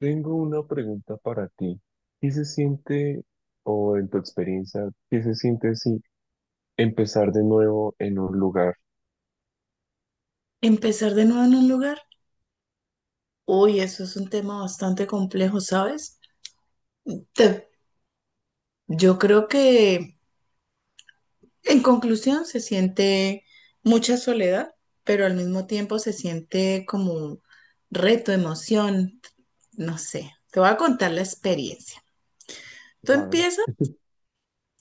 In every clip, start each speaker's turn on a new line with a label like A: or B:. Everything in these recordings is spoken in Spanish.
A: Tengo una pregunta para ti. ¿Qué se siente, o en tu experiencia, qué se siente si empezar de nuevo en un lugar?
B: Empezar de nuevo en un lugar, uy, eso es un tema bastante complejo, ¿sabes? Te- yo creo que en conclusión se siente mucha soledad, pero al mismo tiempo se siente como reto, emoción, no sé. Te voy a contar la experiencia. Tú
A: Vale.
B: empiezas,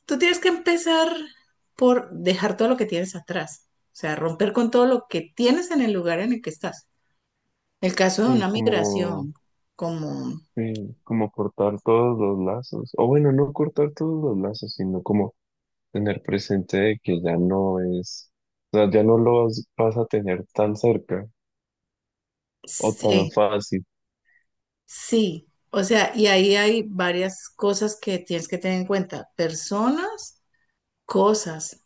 B: tú tienes que empezar por dejar todo lo que tienes atrás, o sea, romper con todo lo que tienes en el lugar en el que estás. El caso de
A: Sí,
B: una
A: como,
B: migración, como...
A: sí, como cortar todos los lazos. O bueno, no cortar todos los lazos, sino como tener presente de que ya no es, o sea, ya no lo vas, vas a tener tan cerca o tan
B: Sí,
A: fácil.
B: Sí, o sea, y ahí hay varias cosas que tienes que tener en cuenta. Personas, cosas.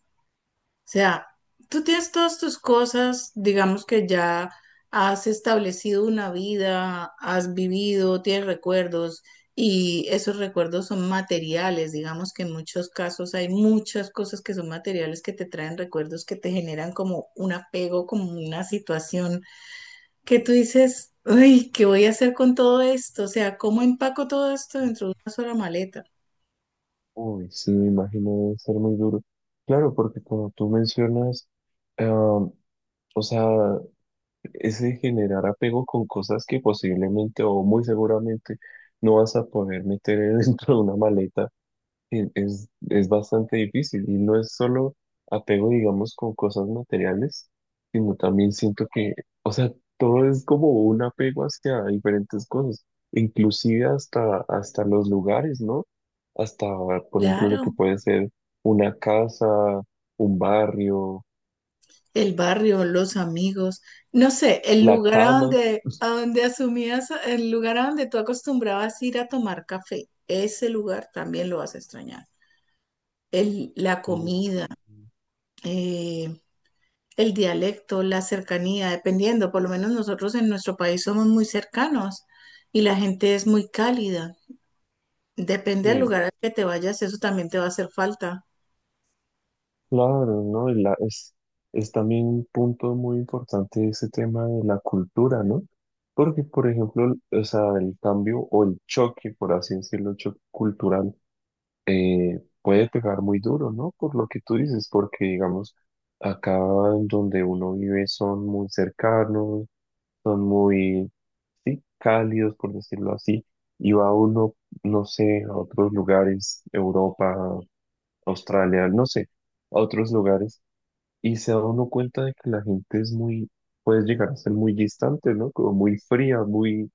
B: O sea, tú tienes todas tus cosas, digamos que ya has establecido una vida, has vivido, tienes recuerdos y esos recuerdos son materiales. Digamos que en muchos casos hay muchas cosas que son materiales que te traen recuerdos que te generan como un apego, como una situación que tú dices, uy, ¿qué voy a hacer con todo esto? O sea, ¿cómo empaco todo esto dentro de una sola maleta?
A: Uy, sí, me imagino debe ser muy duro. Claro, porque como tú mencionas, ah, o sea, ese generar apego con cosas que posiblemente o muy seguramente no vas a poder meter dentro de una maleta es bastante difícil y no es solo apego, digamos, con cosas materiales, sino también siento que, o sea, todo es como un apego hacia diferentes cosas, inclusive hasta los lugares, ¿no? Hasta, por ejemplo, lo que
B: Claro,
A: puede ser una casa, un barrio,
B: el barrio, los amigos, no sé, el
A: la
B: lugar
A: cama.
B: a donde asumías, el lugar a donde tú acostumbrabas ir a tomar café, ese lugar también lo vas a extrañar. La
A: O,
B: comida, eh, el dialecto, la cercanía, dependiendo, por lo menos nosotros en nuestro país somos muy cercanos y la gente es muy cálida. Depende del
A: sí.
B: lugar al que te vayas, eso también te va a hacer falta.
A: Claro, ¿no? Es también un punto muy importante ese tema de la cultura, ¿no? Porque, por ejemplo, o sea, el cambio o el choque, por así decirlo, el choque cultural, puede pegar muy duro, ¿no? Por lo que tú dices, porque, digamos, acá en donde uno vive son muy cercanos, son muy, sí, cálidos, por decirlo así, y va uno, no sé, a otros lugares, Europa, Australia, no sé, a otros lugares y se da uno cuenta de que la gente es muy, puede llegar a ser muy distante, ¿no? Como muy fría, muy,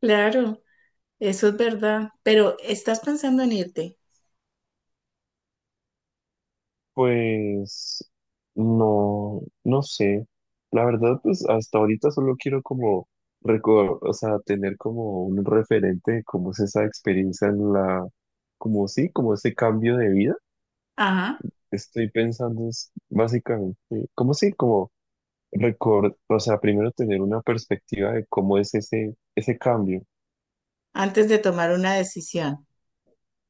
B: Claro, eso es verdad. Pero estás pensando en irte.
A: pues, no sé. La verdad, pues hasta ahorita solo quiero como recordar, o sea, tener como un referente de cómo es esa experiencia en la, como sí, como ese cambio de vida.
B: Ajá.
A: Estoy pensando es básicamente, como sí, como recordar, o sea, primero tener una perspectiva de cómo es ese cambio.
B: Antes de tomar una decisión.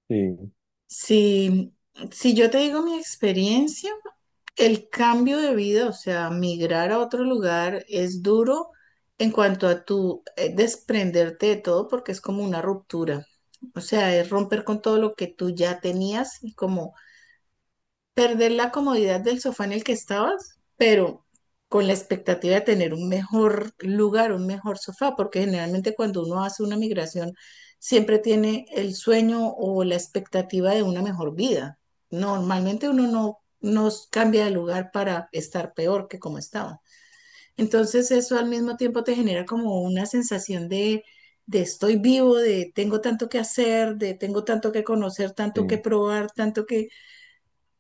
A: Sí,
B: Si, si yo te digo mi experiencia, el cambio de vida, o sea, migrar a otro lugar es duro en cuanto a tu desprenderte de todo porque es como una ruptura. O sea, es romper con todo lo que tú ya tenías y como perder la comodidad del sofá en el que estabas, pero con la expectativa de tener un mejor lugar, un mejor sofá, porque generalmente cuando uno hace una migración siempre tiene el sueño o la expectativa de una mejor vida. Normalmente uno no, no cambia de lugar para estar peor que como estaba. Entonces eso al mismo tiempo te genera como una sensación de estoy vivo, de tengo tanto que hacer, de tengo tanto que conocer, tanto que
A: sí,
B: probar, tanto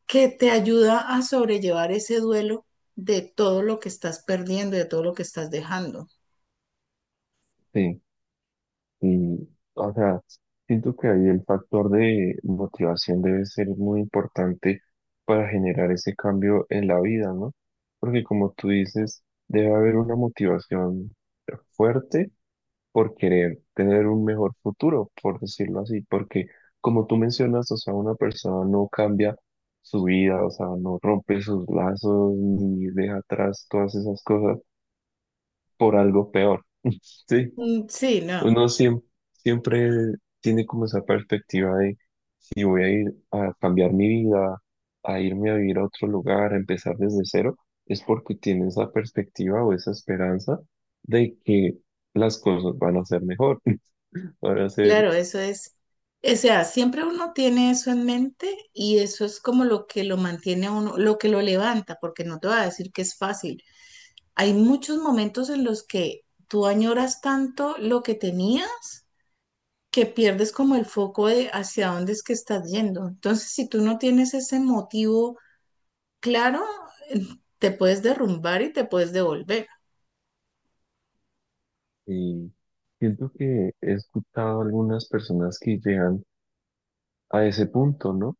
B: que te ayuda a sobrellevar ese duelo de todo lo que estás perdiendo, de todo lo que estás dejando.
A: sí. Y, o sea, siento que ahí el factor de motivación debe ser muy importante para generar ese cambio en la vida, ¿no? Porque como tú dices, debe haber una motivación fuerte por querer tener un mejor futuro, por decirlo así, porque como tú mencionas, o sea, una persona no cambia su vida, o sea, no rompe sus lazos ni deja atrás todas esas cosas por algo peor, ¿sí?
B: Mm, sí, no,
A: Uno siem- Siempre tiene como esa perspectiva de si voy a ir a cambiar mi vida, a irme a vivir a otro lugar, a empezar desde cero, es porque tiene esa perspectiva o esa esperanza de que las cosas van a ser mejor, van a ser,
B: claro, eso es. O sea, siempre uno tiene eso en mente y eso es como lo que lo mantiene a uno, lo que lo levanta, porque no te voy a decir que es fácil. Hay muchos momentos en los que tú añoras tanto lo que tenías que pierdes como el foco de hacia dónde es que estás yendo. Entonces, si tú no tienes ese motivo, claro, te puedes derrumbar y te puedes devolver.
A: y siento que he escuchado a algunas personas que llegan a ese punto, ¿no?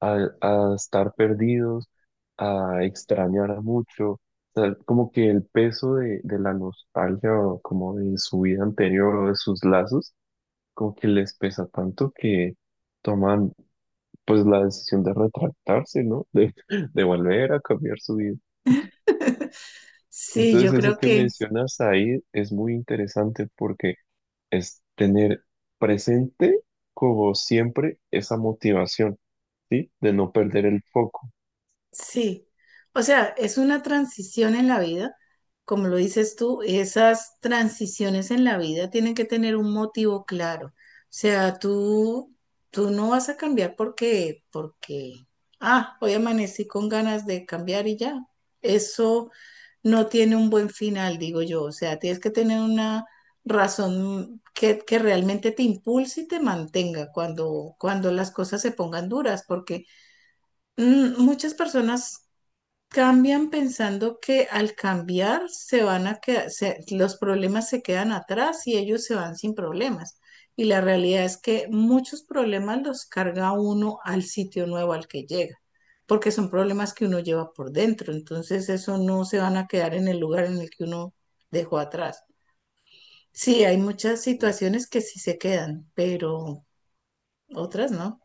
A: a estar perdidos, a extrañar mucho. O sea, como que el peso de la nostalgia o como de su vida anterior o de sus lazos, como que les pesa tanto que toman pues la decisión de retractarse, ¿no? De volver a cambiar su vida.
B: Sí,
A: Entonces
B: yo
A: eso
B: creo
A: que
B: que
A: mencionas ahí es muy interesante porque es tener presente como siempre esa motivación, ¿sí? De no perder el foco.
B: sí. O sea, es una transición en la vida, como lo dices tú, esas transiciones en la vida tienen que tener un motivo claro. O sea, tú no vas a cambiar porque, ah, hoy amanecí con ganas de cambiar y ya. Eso no tiene un buen final, digo yo. O sea, tienes que tener una razón que realmente te impulse y te mantenga cuando las cosas se pongan duras, porque muchas personas cambian pensando que al cambiar se van a quedar, los problemas se quedan atrás y ellos se van sin problemas. Y la realidad es que muchos problemas los carga uno al sitio nuevo al que llega, porque son problemas que uno lleva por dentro. Entonces eso no se van a quedar en el lugar en el que uno dejó atrás. Sí, hay muchas situaciones que sí se quedan, pero otras no.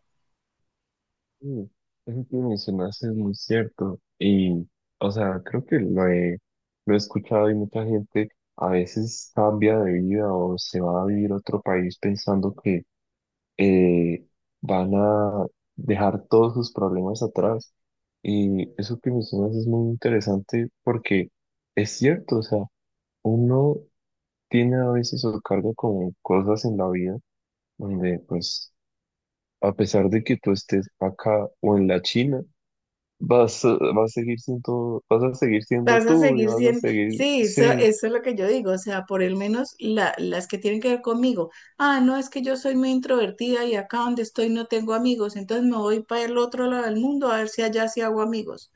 A: Mm, eso que mencionaste es muy cierto. Y, o sea, creo que lo he escuchado y mucha gente a veces cambia de vida o se va a vivir a otro país pensando que eh, van a dejar todos sus problemas atrás. Y eso que mencionas es muy interesante porque es cierto, o sea, uno tiene a veces su cargo con cosas en la vida donde, pues, a pesar de que tú estés acá o en la China, vas a seguir siendo, vas a seguir siendo
B: Vas a
A: tú y
B: seguir
A: vas a
B: siendo,
A: seguir,
B: sí,
A: sí,
B: eso es lo que yo digo, o sea, por el menos las que tienen que ver conmigo. Ah, no, es que yo soy muy introvertida y acá donde estoy no tengo amigos, entonces me voy para el otro lado del mundo a ver si allá sí hago amigos.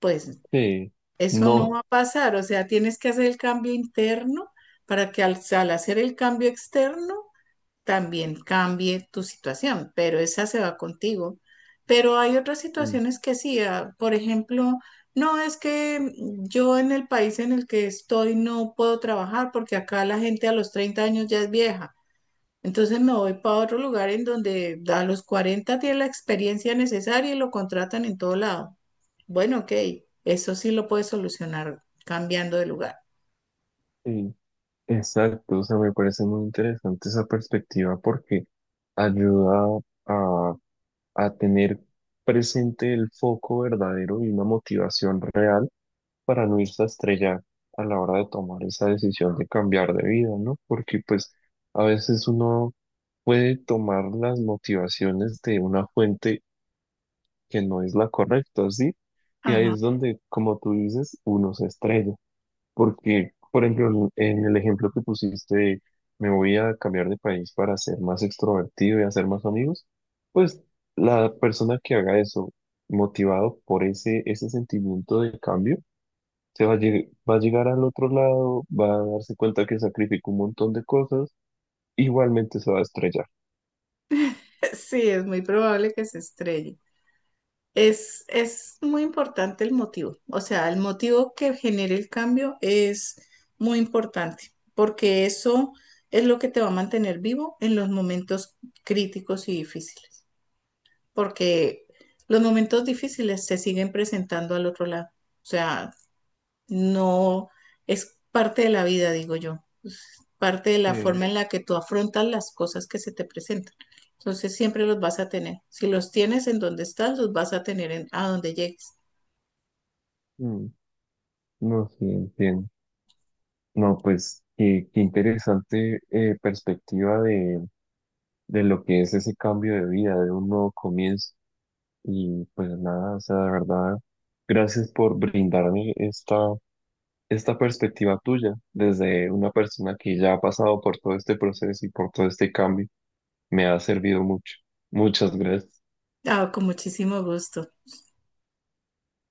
B: Pues
A: sí,
B: eso no
A: no,
B: va a pasar, o sea, tienes que hacer el cambio interno para que al hacer el cambio externo también cambie tu situación, pero esa se va contigo. Pero hay otras
A: mm,
B: situaciones que sí, ah, por ejemplo, no es que yo en el país en el que estoy no puedo trabajar porque acá la gente a los 30 años ya es vieja. Entonces me voy para otro lugar en donde a los 40 tiene la experiencia necesaria y lo contratan en todo lado. Bueno, ok, eso sí lo puedes solucionar cambiando de lugar.
A: sí, exacto, o sea, me parece muy interesante esa perspectiva porque ayuda a, a tener presente el foco verdadero y una motivación real para no irse a estrellar a la hora de tomar esa decisión de cambiar de vida, ¿no? Porque pues a veces uno puede tomar las motivaciones de una fuente que no es la correcta, ¿sí? Y ahí
B: Ajá.
A: es donde, como tú dices, uno se estrella. Porque, por ejemplo, en el ejemplo que pusiste de me voy a cambiar de país para ser más extrovertido y hacer más amigos, pues la persona que haga eso, motivado por ese sentimiento de cambio, se va a, lleg- va a llegar al otro lado, va a darse cuenta que sacrificó un montón de cosas, igualmente se va a estrellar.
B: Sí, es muy probable que se estrelle. Es muy importante el motivo, o sea, el motivo que genere el cambio es muy importante, porque eso es lo que te va a mantener vivo en los momentos críticos y difíciles, porque los momentos difíciles se siguen presentando al otro lado, o sea, no, es parte de la vida, digo yo, parte de la
A: Sí,
B: forma en la que tú afrontas las cosas que se te presentan. Entonces siempre los vas a tener. Si los tienes en donde estás, los vas a tener en, a donde llegues.
A: mm, no, sí, entiendo. No, pues qué, qué interesante perspectiva de lo que es ese cambio de vida, de un nuevo comienzo. Y pues nada, o sea, de verdad, gracias por brindarme esta, esta perspectiva tuya desde una persona que ya ha pasado por todo este proceso y por todo este cambio. Me ha servido mucho. Muchas gracias.
B: Ah, con muchísimo gusto.